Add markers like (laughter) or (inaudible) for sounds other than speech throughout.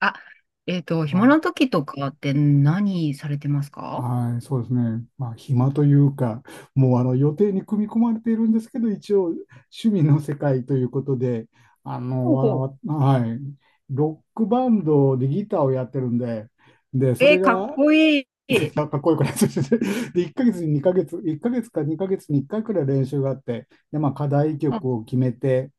あ、は暇い、な時とかって何されてますか？はい、そうですね。まあ、暇というか、もうあの予定に組み込まれているんですけど、一応趣味の世界ということで、あの、ほうわほわはい、ロックバンドでギターをやってるんで、で、う。そえれーかっが、こいい。(laughs) かっこよくないですね。(laughs) で、1ヶ月に2ヶ月、1ヶ月か2ヶ月に1回くらい練習があって、で、まあ、課題あ、曲を決めて、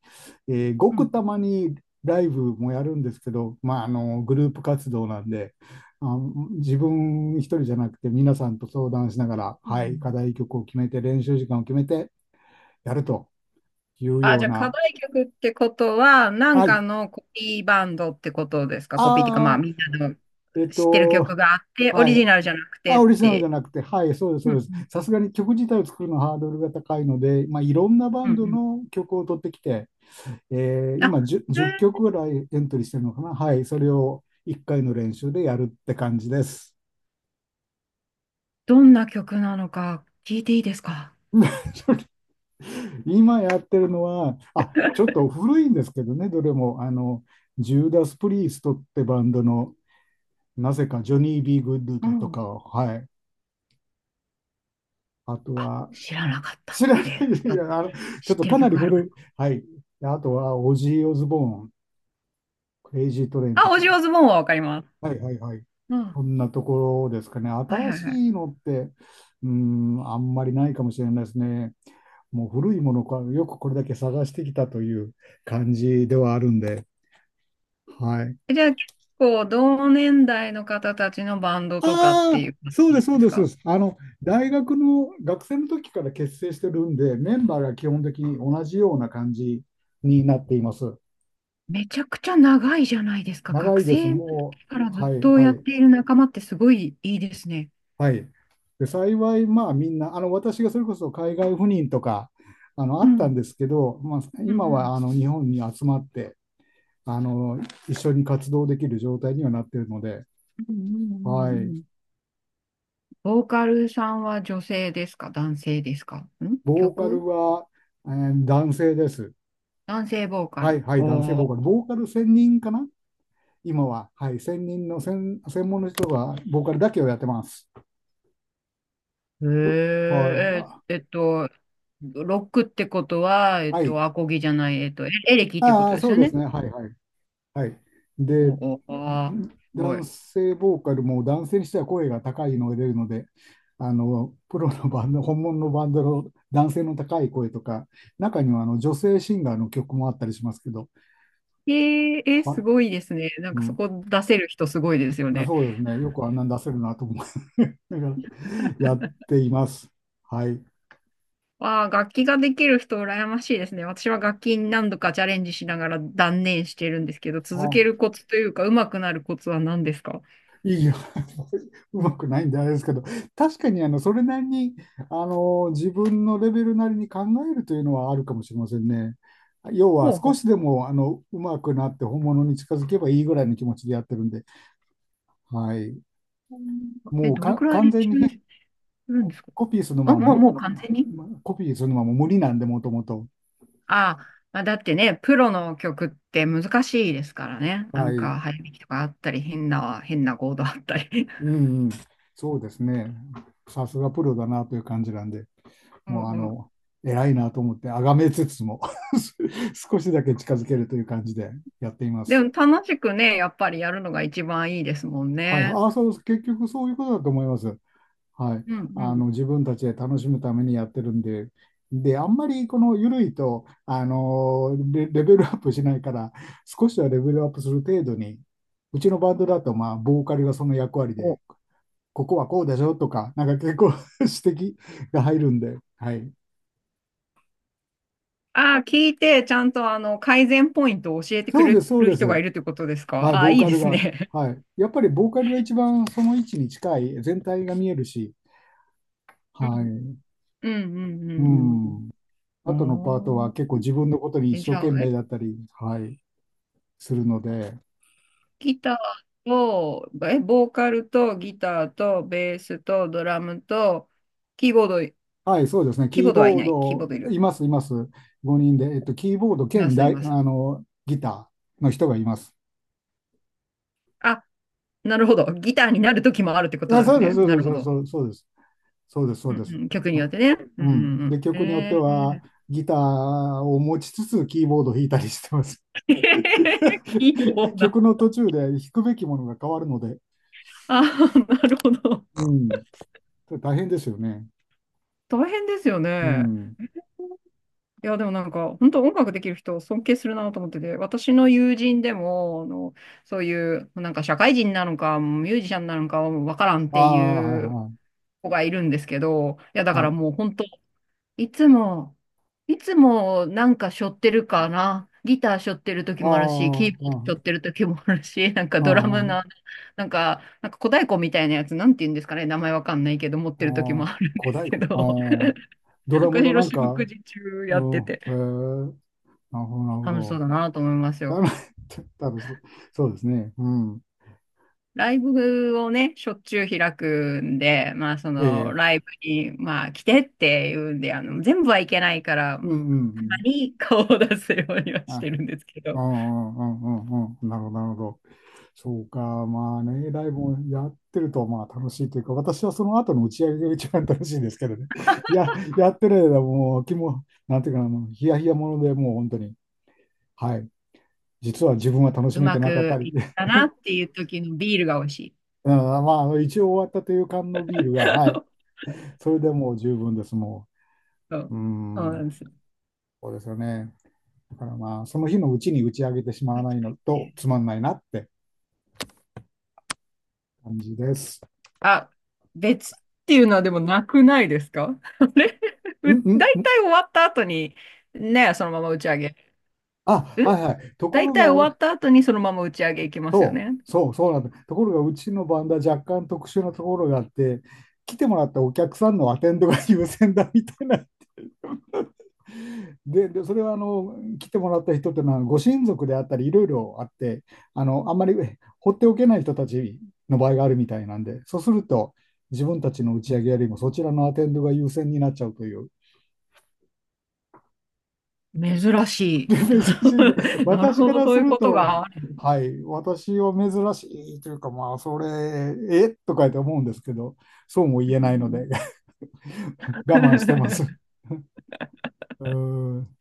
ごうくん。たまにライブもやるんですけど、まあ、あのグループ活動なんであ、自分一人じゃなくて皆さんと相談しながら、うはい、課ん。題曲を決めて練習時間を決めてやるというあ、よじうゃあ課な、題曲ってことは、なんはい、かのコピーバンドってことですか？コピーっていうか、まああみんなのー、えっ知ってる曲と、があって、オはリい、ジナルじゃなくてあ、っオリジナルじて。ゃなくて、はい、そうです、うそうでんす。うさんすがに曲自体を作るのはハードルが高いので、まあ、いろんなバうんうンドん。の曲を取ってきて、あ、今 え 10, ー曲ぐらいエントリーしてるのかな、はい、それを1回の練習でやるって感じです。どんな曲なのか聞いていいですか？ (laughs) 今やってるのは、あ、ちょっと古いんですけどね、どれも、あの、ジューダス・プリーストってバンドの、なぜかジョニー・ビー・グッドうだとん。かを、はい、あとあ、は、知らなかった。知らない、(laughs) いあ、やあの、ちょ知っっとてかるなり曲あるか？古い、はい、あとは、オジー・オズボーン、クレイジー・トレインあ、とオジーオか、ズボーンはわかります。はいはいはい。うん。そんなところですかね。はい新はいしはい。いのって、うーん、あんまりないかもしれないですね。もう古いものか、よくこれだけ探してきたという感じではあるんで。はい。え、じゃあ結構同年代の方たちのバンドとかってあいあ、う感そうじでなんす、そでうすです、そうか？です。あの、大学の学生の時から結成してるんで、メンバーが基本的に同じような感じになっています。めちゃくちゃ長いじゃないですか。長学いです。生のも時からう、ずはっい、とはやっい。ている仲間ってすごいいいですね。はい。で、幸い、まあみんな、あの、私がそれこそ海外赴任とか、あの、あうっん。うたんんですけど、まあ、うん。今うは、んあの、日本に集まって、あの、一緒に活動できる状態にはなっているので、うんうはんい。うん。ボーカルさんは女性ですか、男性ですか？ん、ボーカ曲、ルは、男性です。男性ボーカはい、ル。はい、お男性ボーー。カル。ボーカル専任かな今は。はい、専任の専門の人が、ボーカルだけをやってます。へー。え、はロックってことは、い。はい。アコギじゃない、エレキってこあとあ、ですそうよですね。ね。はい、はい。はい。で、おお、あーすご男い。性ボーカルも男性にしては声が高いのが出るので、あの、プロのバンド、本物のバンドの男性の高い声とか、中にはあの女性シンガーの曲もあったりしますけど、えー、すは、ごいですね。なんうかそん、こ出せる人すごいですよね。そうですね。よくあんなん出せるなと思う。(laughs) だから、やっています。はい。わあ、楽器ができる人羨ましいですね。私は楽器に何度かチャレンジしながら断念してるんですけど、続けるあコツというか、上手くなるコツは何ですか？いいよ。(laughs) うまくないんであれですけど、確かにあのそれなりにあの自分のレベルなりに考えるというのはあるかもしれませんね。要はほうほ少う。しでもあのうまくなって本物に近づけばいいぐらいの気持ちでやってるんで、はい、え、もうどれかくらい完練全に習すね、るんですか？コピーするのあ、はももう、もう完全に、コピーするのはもう無理なんで、もともと。ああ、まあ、だってね、プロの曲って難しいですからね。なはんい、か、早弾きとかあったり、変なコードあったり。うんうん、そうですね。さすがプロだなという感じなんで。(laughs) うもうあん。の、偉いなと思って、あがめつつも (laughs) 少しだけ近づけるという感じでやっていまです。も楽しくね、やっぱりやるのが一番いいですもんはい。ね。ああ、そう結局そういうことだと思います。はい。うんうあの、ん。自分たちで楽しむためにやってるんで、で、あんまりこの緩いと、あのレベルアップしないから、少しはレベルアップする程度に、うちのバンドだと、まあ、ボーカルがその役割お、で、ここはこうでしょとか、なんか結構 (laughs) 指摘が入るんで、はい。ああ、聞いて、ちゃんと改善ポイントを教えてくそうでれす、そうるで人がす。いるということですか？はい、ああ、ボーいいカでルすが、ね。はい。やっぱりボーカルが一番その位置に近い、全体が見えるし、うはん。い。うんううんうんん。うあとのパートん。おはー。結構自分のことにえ、一じ生ゃ懸あ、命だったり、はい、するので、ギターと、ボーカルとギターとベースとドラムと、キーボード、はい、そうですね。キーボキーードはいボーない。キーボードいド、る。います、います。5人で、キーボードいま兼す、いダイ、まあす。の、ギターの人がいます。あ、なるほど。ギターになる時もあるってことなあ、んでそすうでね。す、そうなでるほす、ど。そうです、そうです、そうです、そううんです。うん、曲にうよってん。ね。うんううんで、んうん。曲によってへは、え。ギターを持ちつつ、キーボードを弾いたりしてます。(laughs) 器用 (laughs) な。曲の途中で弾くべきものが変わるので、ああ、なるほど。うん、大変ですよね。大変ですようね。ん。いや、でもなんか、本当音楽できる人を尊敬するなと思ってて、私の友人でも、あの、そういう、なんか社会人なのか、ミュージシャンなのかわからんっあてあ、いうはい子がいるんですけど、いや、だはかい。はらい。もう本当いつも、いつもなんか背負ってるかな。ギター背負ってる時もあるし、キあーボード背負っあ、てる時もあるし、(laughs) なんかあドラムの、あ、なんか小太鼓みたいなやつ、なんて言うんですかね、名前わかんないけど、持っあてる時もあ、あるんで小す太け鼓。ど、ああ、ド (laughs) ラム私、のなん四六か、時中うやっん、てて、へえ、なるほど、なるほ楽しそうど。だなと思いますだよ。め、(laughs) 多分そうですね。うん。ライブをね、しょっちゅう開くんで、まあ、そえの、え、ライブに、まあ、来てっていうんで、全部はいけないから、うん、うたまん、に顔を出すようにはうん。してあ、るんですけうど。ん、うん、うん、うん、うん、なるほど、なるほど。そうか、まあね、ライブもやってるとまあ楽しいというか、私はその後の打ち上げが一番楽しいんですけどね。(laughs) いや、やってる間もう気も、なんていうかな、あのヒヤヒヤものでもう本当に、はい、実は自分は楽しうめてまなかっくたり、いっ (laughs) たなっていう時のビールが美味しい。うん、まああの一応終わったという缶のビールが、はい、(laughs) それでもう十分です、もそう。う。うそうなん、んですよ。そうですよね。だからまあ、その日のうちに打ち上げてしまわ確かないのにとね。つまんないなって感じです。あ、別っていうのはでもなくないですか？ (laughs) あれ、うんうんう大ん。体終わった後に、ね、そのまま打ち上げ。あ、うん、はいはい。とこ大ろ体終わが、った後にそのまま打ち上げ行きますよそね。う、そう、そうなんだ。ところが、うちのバンドは若干特殊なところがあって、来てもらったお客さんのアテンドが優先だみたいな。で、それはあの来てもらった人っていうのはご親族であったりいろいろあって、あの、あんまり放っておけない人たちの場合があるみたいなんで、そうすると自分たちの打ち上げよりもそちらのアテンドが優先になっちゃうという。珍しでい。珍しいな。(laughs) なる私ほかど、らそすういうることと、がある。はい、私は珍しいというか、まあ、それ、とかって思うんですけど、そうもう言えないので、ん。 (laughs) 我慢してます。(laughs) (laughs) うーん、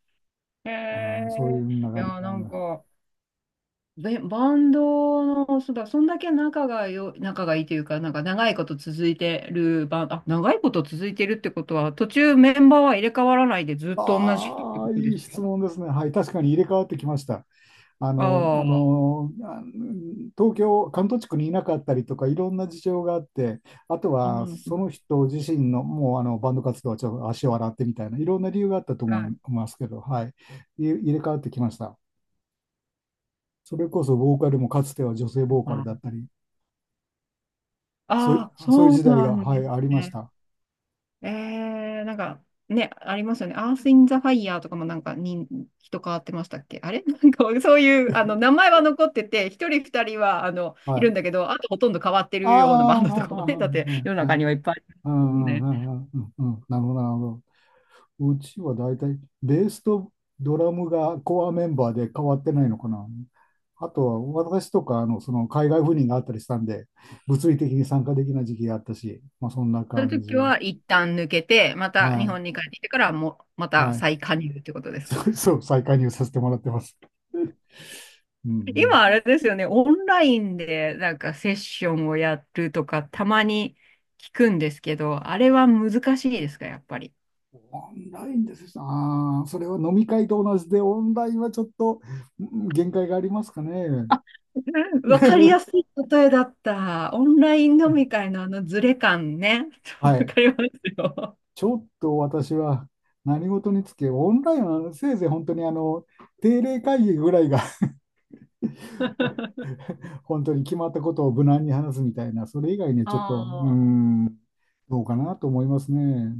へあーそういうえ。ふうない感じや、ななんの。か、バンドの、そうだ、そんだけ仲がいいというか、なんか長いこと続いてるバンド、あ、長いこと続いてるってことは、途中メンバーは入れ替わらないでずっと同じ人ってあこあ、とでいいすか？質問ですね。はい、確かに入れ替わってきました。あの、あああ、の、あ東京、関東地区にいなかったりとか、いろんな事情があって、あとうはん、うそのん。人自身の、もうあのバンド活動はちょっと足を洗ってみたいな、いろんな理由があったとは思いい。ますけど、はい、入れ替わってきました。それこそボーカルもかつては女性ボーカルだったり、ああ、そういうそう時代なが、んはでい、すありましね。た。なんか、ね、ありますよね。アース・イン・ザ・ファイヤーとかもなんかに人変わってましたっけ、あれ？ (laughs) なんかそういう名前は残ってて、一人二人ははいるい。んだけど、あとほとんど変わってあるようなバあ、ンドとはいかはもね、だっていはい世のはい。は中い、にはいっぱいあうるもんんうね。んうんうんうんうん。なるほど、なるほど。うちは大体、ベースとドラムがコアメンバーで変わってないのかな。あとは、私とか、あの、その海外赴任があったりしたんで、物理的に参加できない時期があったし、まあ、そんなそういう感じ。時は一旦抜けて、または日い。本に帰ってきてからも、またはい。再加入ってことで (laughs) すか？そうそう、再加入させてもらってます。(laughs) うんうん。今あれですよね、オンラインでなんかセッションをやるとかたまに聞くんですけど、あれは難しいですか、やっぱり。オンラインですよ。ああー、それは飲み会と同じで、オンラインはちょっとうん、限界がありますかね。わかりやす (laughs) い例えだった。オンライン飲み会のあのズレ感ね。(laughs) わはい。かりますよ。ちょっと私は何事につけ、オンラインはせいぜい本当にあの定例会議ぐらいが (laughs) 本当に決まったことを無難に話すみたいな、それ以外にはちょっと、うーああ、ん、どうかなと思いますね。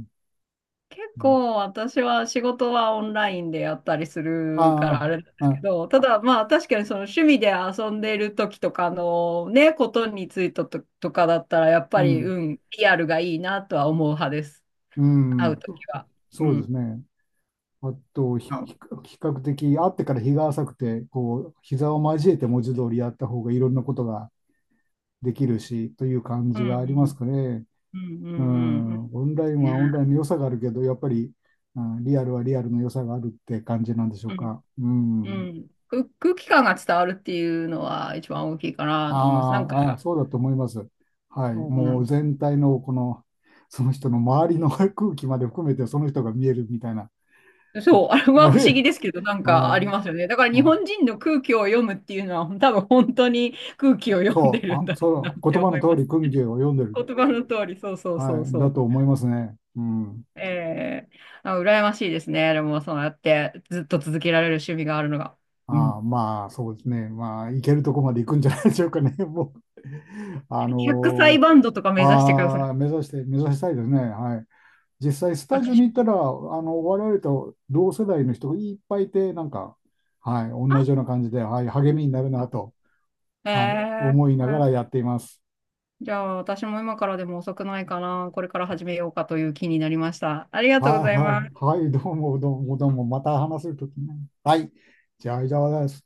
結うん、構私は仕事はオンラインでやったりするかあらあれあ、なんですけあ、ど、ただまあ確かにその趣味で遊んでる時とかのね、ことについてと、とかだったらやっうぱり、うん、ん、リアルがいいなとは思う派です。う会うん、時は。うそうですん。ね。あと、うん比較的、会ってから日が浅くて、こう、膝を交えて文字通りやった方がいろんなことができるし、という感うんじうがありますんかね。うんううんうん。ん、オンラインはオンラインのね。良さがあるけど、やっぱり、うん、リアルはリアルの良さがあるって感じなんでしょうか。ううん。ん。空気感が伝わるっていうのは一番大きいかなと思います。なんあか、ーあー、そうだと思います。はい。そうなもんうで全体のこの、その人の周りの (laughs) 空気まで含めてその人が見えるみたいな。す。(laughs) とそう、(laughs) あれはは不思い。議ですけど、なんかはありい、ますよね。だから日あ、本人の空気を読むっていうのは、多分本当に空気を読んでそう、るんあ、だろうなそっう、て言葉思のい通ます。り、訓義を読んでる。言葉の通り、そうそうそはうい。だそと思いますね。うん。う。あ、羨ましいですね。でも、そうやってずっと続けられる趣味があるのが。うあーん。まあ、そうですね。まあ、行けるとこまで行くんじゃないでしょうかね。(laughs) もう、あ100歳のバンドとか目指してください。ああ、目指したいですね。はい。実際、スタジオに私行も。ったら、あの、我々と同世代の人がいっぱいいて、なんか、はい、同じような感じで、はい、励みになるなあ、と、はい、え思いながーらやっています。じゃあ、私も今からでも遅くないかな。これから始めようかという気になりました。ありがとうごはざい、います。はい、はい、どうも、どうも、どうも、また話せるときね。はい。じゃあ、以上です。